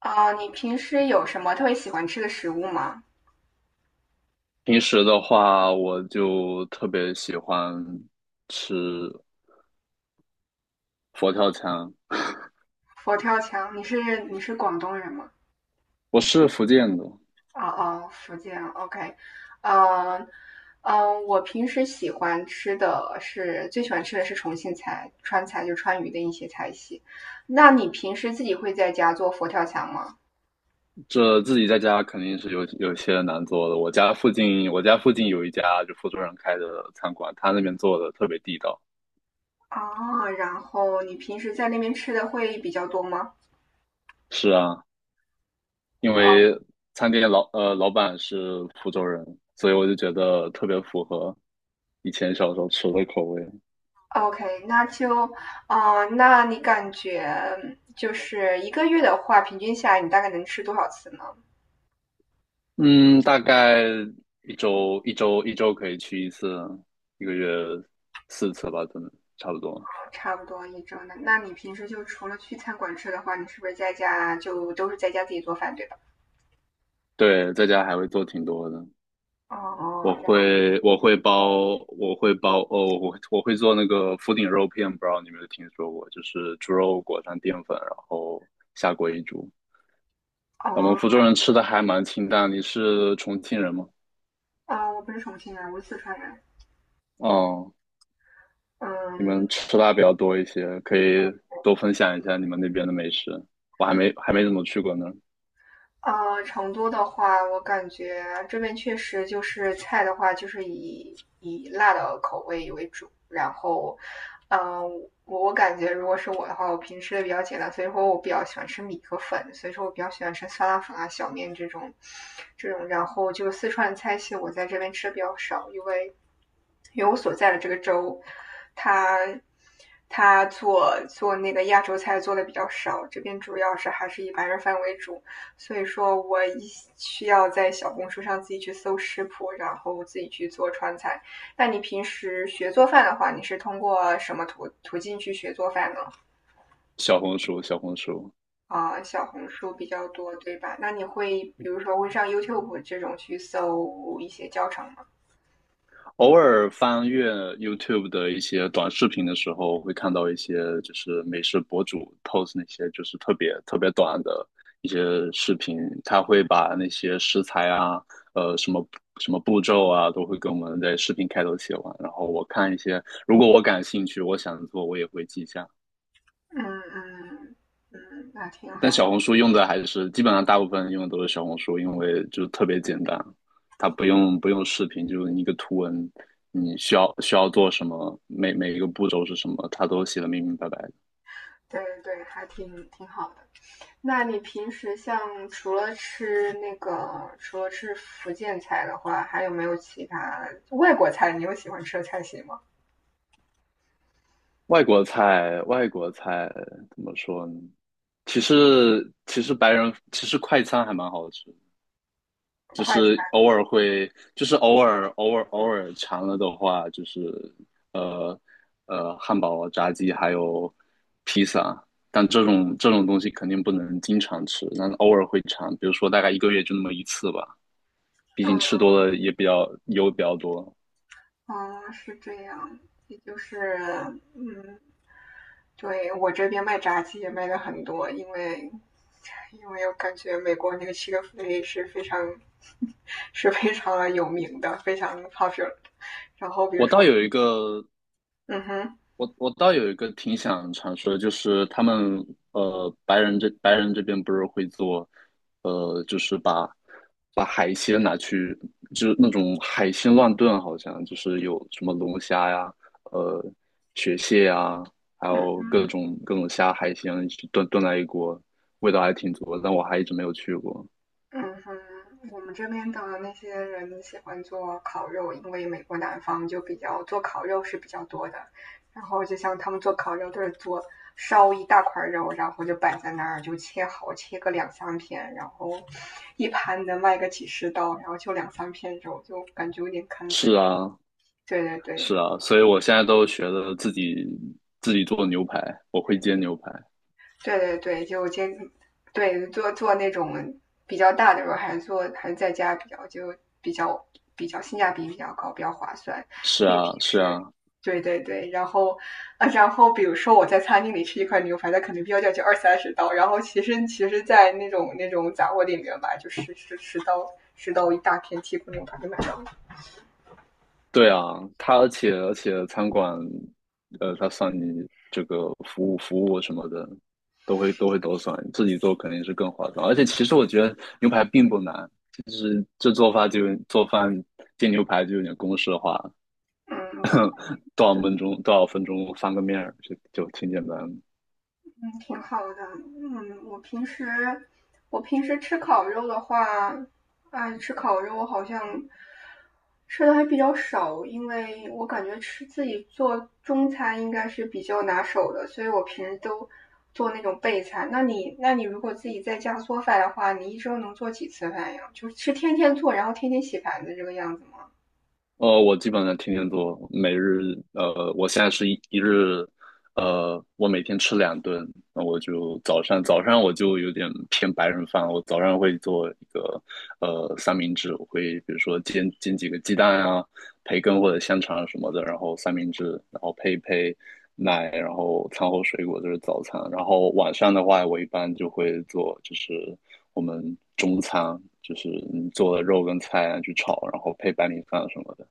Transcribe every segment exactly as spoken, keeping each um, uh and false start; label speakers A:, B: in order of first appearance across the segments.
A: 啊，你平时有什么特别喜欢吃的食物吗？
B: 平时的话，我就特别喜欢吃佛跳墙。
A: 佛跳墙，你是你是广东人吗？
B: 我是福建的，
A: 哦哦，福建，OK。嗯嗯，我平时喜欢吃的是最喜欢吃的是重庆菜、川菜，就川渝的一些菜系。那你平时自己会在家做佛跳墙吗？
B: 这自己在家肯定是有有些难做的。我家附近，我家附近有一家就福州人开的餐馆，他那边做的特别地道。
A: 啊，然后你平时在那边吃的会比较多吗？
B: 是啊，因为餐厅老呃老板是福州人，所以我就觉得特别符合以前小时候吃的口味。
A: OK，那就，啊、那你感觉就是一个月的话，平均下来你大概能吃多少次呢？
B: 嗯，大概一周一周一周可以去一次，一个月四次吧，可能差不多。
A: 差不多一周呢。那你平时就除了去餐馆吃的话，你是不是在家就都是在家自己做饭，对吧？
B: 对，在家还会做挺多的，
A: 哦
B: 我
A: 哦，然
B: 会我会包我会包哦，我会我会做那个福鼎肉片，不知道你有没有听说过，就是猪肉裹上淀粉，然后下锅一煮。
A: 后
B: 我们
A: 哦
B: 福州人吃的还蛮清淡，你是重庆人吗？
A: 啊，我不是重庆人，我是四川人。
B: 哦，你
A: 嗯。
B: 们吃辣比较多一些，可以多分享一下你们那边的美食。我还没还没怎么去过呢。
A: 呃，成都的话，我感觉这边确实就是菜的话，就是以以辣的口味为主。然后，嗯、我我感觉如果是我的话，我平时的比较简单，所以说我比较喜欢吃米和粉，所以说我比较喜欢吃酸辣粉啊、小面这种这种。然后就四川菜系，我在这边吃的比较少，因为因为我所在的这个州，它它做做那个亚洲菜做的比较少，这边主要是还是以白人饭为主。所以说我一需要在小红书上自己去搜食谱，然后自己去做川菜。那你平时学做饭的话，你是通过什么途途径去学做饭呢？
B: 小红书，小红书，
A: 啊、小红书比较多，对吧？那你会比如说会上 YouTube 这种去搜一些教程吗？
B: 偶尔翻阅 YouTube 的一些短视频的时候，会看到一些就是美食博主 post 那些就是特别特别短的一些视频，他会把那些食材啊，呃，什么什么步骤啊，都会跟我们在视频开头写完。然后我看一些，如果我感兴趣，我想做，我也会记下。
A: 嗯嗯。嗯，那挺
B: 但
A: 好的。
B: 小红书用的还是基本上大部分用的都是小红书，因为就是特别简单，它不用不用视频，就是一个图文，你需要需要做什么，每每一个步骤是什么，它都写的明明白白的。
A: 对对，还挺挺好的。那你平时像除了吃那个，除了吃福建菜的话，还有没有其他外国菜？你有喜欢吃的菜系吗？
B: 外国菜，外国菜怎么说呢？其实其实白人其实快餐还蛮好吃，就
A: 快餐？
B: 是偶尔会，就是偶尔偶尔偶尔馋了的话，就是呃呃汉堡、炸鸡还有披萨，但这种这种东西肯定不能经常吃，但是偶尔会馋，比如说大概一个月就那么一次吧，毕
A: 嗯
B: 竟吃多了也比较油比较多。
A: 嗯，是这样，也就是嗯，对我这边卖炸鸡也卖的很多，因为因为我感觉美国那个 Chick-fil-A 是非常 是非常有名的，非常 popular。然后比如
B: 我倒
A: 说，
B: 有一个
A: 嗯哼。
B: 我我倒有一个挺想尝试的，就是他们呃白人这白人这边不是会做，呃就是把把海鲜拿去，就是那种海鲜乱炖，好像就是有什么龙虾呀、呃雪蟹呀，还
A: 嗯
B: 有
A: 哼。
B: 各种各种虾海鲜一起炖炖在一锅，味道还挺足的，但我还一直没有去过。
A: 嗯哼，我们这边的那些人喜欢做烤肉，因为美国南方就比较做烤肉是比较多的。然后就像他们做烤肉都是做烧一大块肉，然后就摆在那儿，就切好，切个两三片，然后一盘能卖个几十刀，然后就两三片肉，就感觉有点坑。所以，
B: 是啊，
A: 对对对。
B: 是啊，所以我现在都学的自己自己做牛排，我会煎牛排。
A: 对对对，就接对做做那种比较大的时候，还是做还是在家比较就比较比较性价比比较高，比较划算，
B: 是
A: 因为平
B: 啊，是啊，
A: 时。对对对，然后，啊，然后比如说我在餐厅里吃一块牛排，它可能标价就二三十刀，然后其实其实，在那种那种杂货店里面吧，就十十十刀十刀一大片剔骨牛排就买到了。
B: 对啊，它而且而且餐馆，呃，它算你这个服务服务什么的，都会都会都算，自己做肯定是更划算。而且其实我觉得牛排并不难，就是这做法就做饭煎牛排就有点公式化，
A: 嗯。
B: 多少分钟多少分钟翻个面儿就就挺简单的。
A: 嗯，挺好的。嗯，我平时我平时吃烤肉的话，爱吃烤肉，我好像吃的还比较少，因为我感觉吃自己做中餐应该是比较拿手的，所以我平时都做那种备餐。那你那你如果自己在家做饭的话，你一周能做几次饭呀？就是是天天做，然后天天洗盘子这个样子吗？
B: 呃，我基本上天天做，每日呃，我现在是一一日，呃，我每天吃两顿，那我就早上早上我就有点偏白人饭，我早上会做一个呃三明治，我会比如说煎煎几个鸡蛋啊，培根或者香肠什么的，然后三明治，然后配一配奶，然后餐后水果这是早餐，然后晚上的话，我一般就会做就是我们中餐，就是你做的肉跟菜啊去炒，然后配白米饭什么的。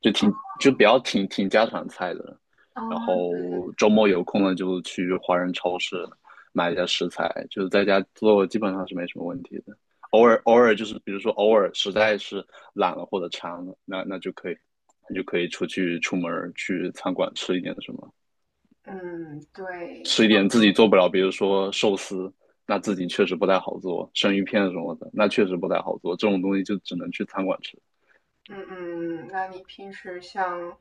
B: 就挺就比较挺挺家常菜的。
A: 啊
B: 然
A: 对对。
B: 后周末有空了就去华人超市买一下食材，就是在家做基本上是没什么问题的。偶尔偶尔就是比如说偶尔实在是懒了或者馋了，那那就可以那就可以出去出门儿去餐馆吃一点什么，
A: 嗯，对。
B: 吃一点自己做不了，比如说寿司，那自己确实不太好做，生鱼片什么的，那确实不太好做，这种东西就只能去餐馆吃。
A: 嗯嗯，那你平时像，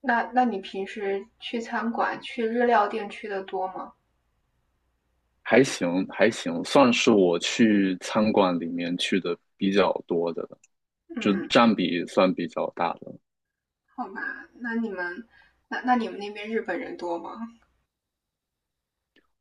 A: 那那你平时去餐馆、去日料店去的多吗？
B: 还行还行，算是我去餐馆里面去的比较多的了，
A: 嗯
B: 就
A: 嗯。
B: 占比算比较大的，
A: 好吧，那你们，那那你们那边日本人多吗？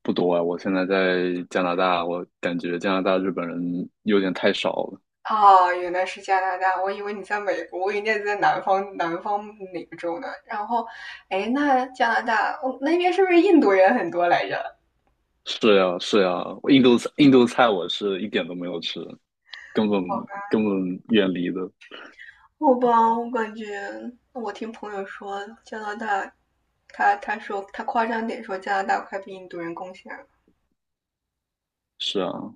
B: 不多啊。我现在在加拿大，我感觉加拿大日本人有点太少了。
A: 哦，原来是加拿大，我以为你在美国，我以为你在南方，南方哪个州呢？然后，哎，那加拿大，哦，那边是不是印度人很多来着？
B: 是呀是呀，我印度菜印度菜我是一点都没有吃，根本根本远离的。
A: 好吧，我感觉我听朋友说加拿大，他他说他夸张点说加拿大快被印度人攻下了。
B: 是啊，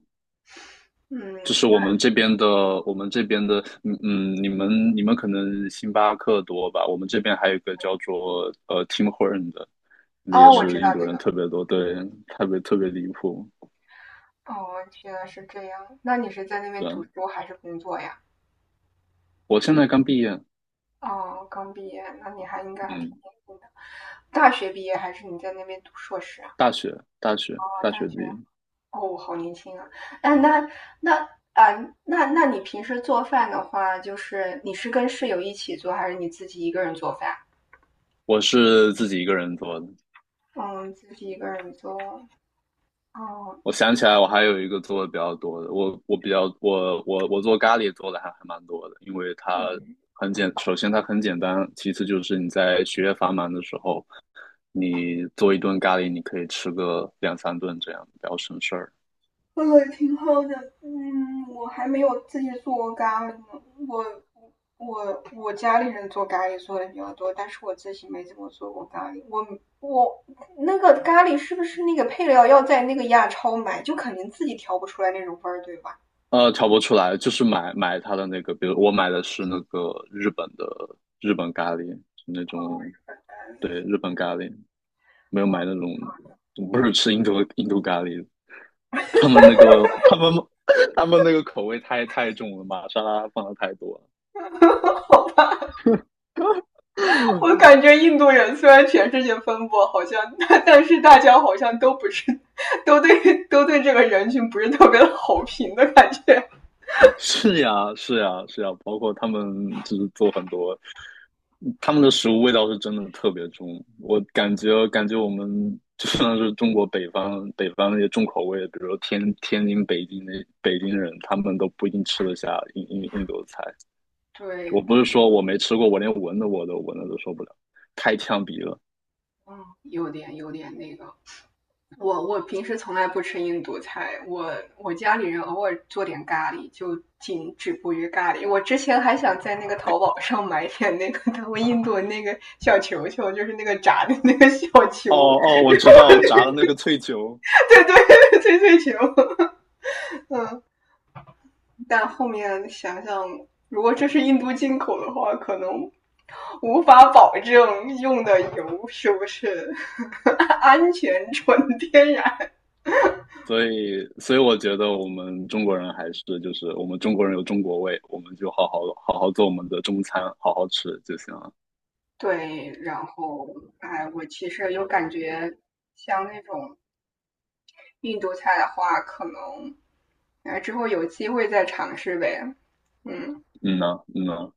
A: 嗯，
B: 就是我
A: 那
B: 们这边的，我们这边的，嗯嗯，你们你们可能星巴克多吧？我们这边还有一个叫做呃 Tim Horton 的，那也
A: 哦，我嗯知
B: 是印
A: 道
B: 度
A: 这
B: 人
A: 个
B: 特别多，对，特别特别离谱。
A: 哦，原来是这样。那你是在那边
B: 对，
A: 读书还是工作呀？
B: 我现在刚毕业，
A: 哦，刚毕业，那你还应该还挺
B: 嗯，
A: 年轻的。大学毕业还是你在那边读硕士啊？
B: 大学大学
A: 哦，
B: 大
A: 大
B: 学
A: 学，
B: 毕业，
A: 哦，好年轻啊。那那那啊，那那你平时做饭的话，就是你是跟室友一起做，还是你自己一个人做饭？
B: 我是自己一个人做的。
A: 嗯，自己一个人做。哦，
B: 我想起来，我还有一个做的比较多的，我我比较我我我做咖喱做的还还蛮多的，因为它很简，首先它很简单，其次就是你在学业繁忙的时候。你做一顿咖喱，你可以吃个两三顿这样，比较省事儿。
A: 喝了挺好的，嗯，我还没有自己做咖喱呢。我我我家里人做咖喱做的比较多，但是我自己没怎么做过咖喱。我我那个咖喱是不是那个配料要在那个亚超买，就肯定自己调不出来那种味儿，对吧？
B: 呃，调不出来，就是买买它的那个，比如我买的是那个日本的日本咖喱，是那种，对，日本咖喱，没有买那
A: 嗯，
B: 种，不是吃印度印度咖喱，他们那个他们 他们那个口味太太重了，玛莎拉放的太多了。
A: 我感觉印度人虽然全世界分布好像，但但是大家好像都不是，都对都对这个人群不是特别的好评的感觉。
B: 是呀，是呀，是呀，包括他们就是做很多。他们的食物味道是真的特别重，我感觉感觉我们 就算是中国北方北方那些重口味，比如说天天津、北京那北京人，他们都不一定吃得下印印印度菜。我
A: 对。
B: 不是说我没吃过，我连闻的我都闻的都受不了，太呛鼻了。
A: 嗯，有点有点那个，我我平时从来不吃印度菜，我我家里人偶尔做点咖喱，就仅止步于咖喱。我之前还想在那个淘宝上买点那个他们印度那个小球球，就是那个炸的那个小
B: 哦
A: 球，
B: 哦，我知道炸的那个脆球，
A: 对对，脆脆球。但后面想想，如果这是印度进口的话，可能无法保证用的油是不是 安全纯天然。
B: 所以所以我觉得我们中国人还是就是我们中国人有中国味，我们就好好好好做我们的中餐，好好吃就行了。
A: 对，然后，哎，我其实有感觉，像那种印度菜的话，可能，哎，之后有机会再尝试呗。嗯。
B: 嗯呐，嗯呐。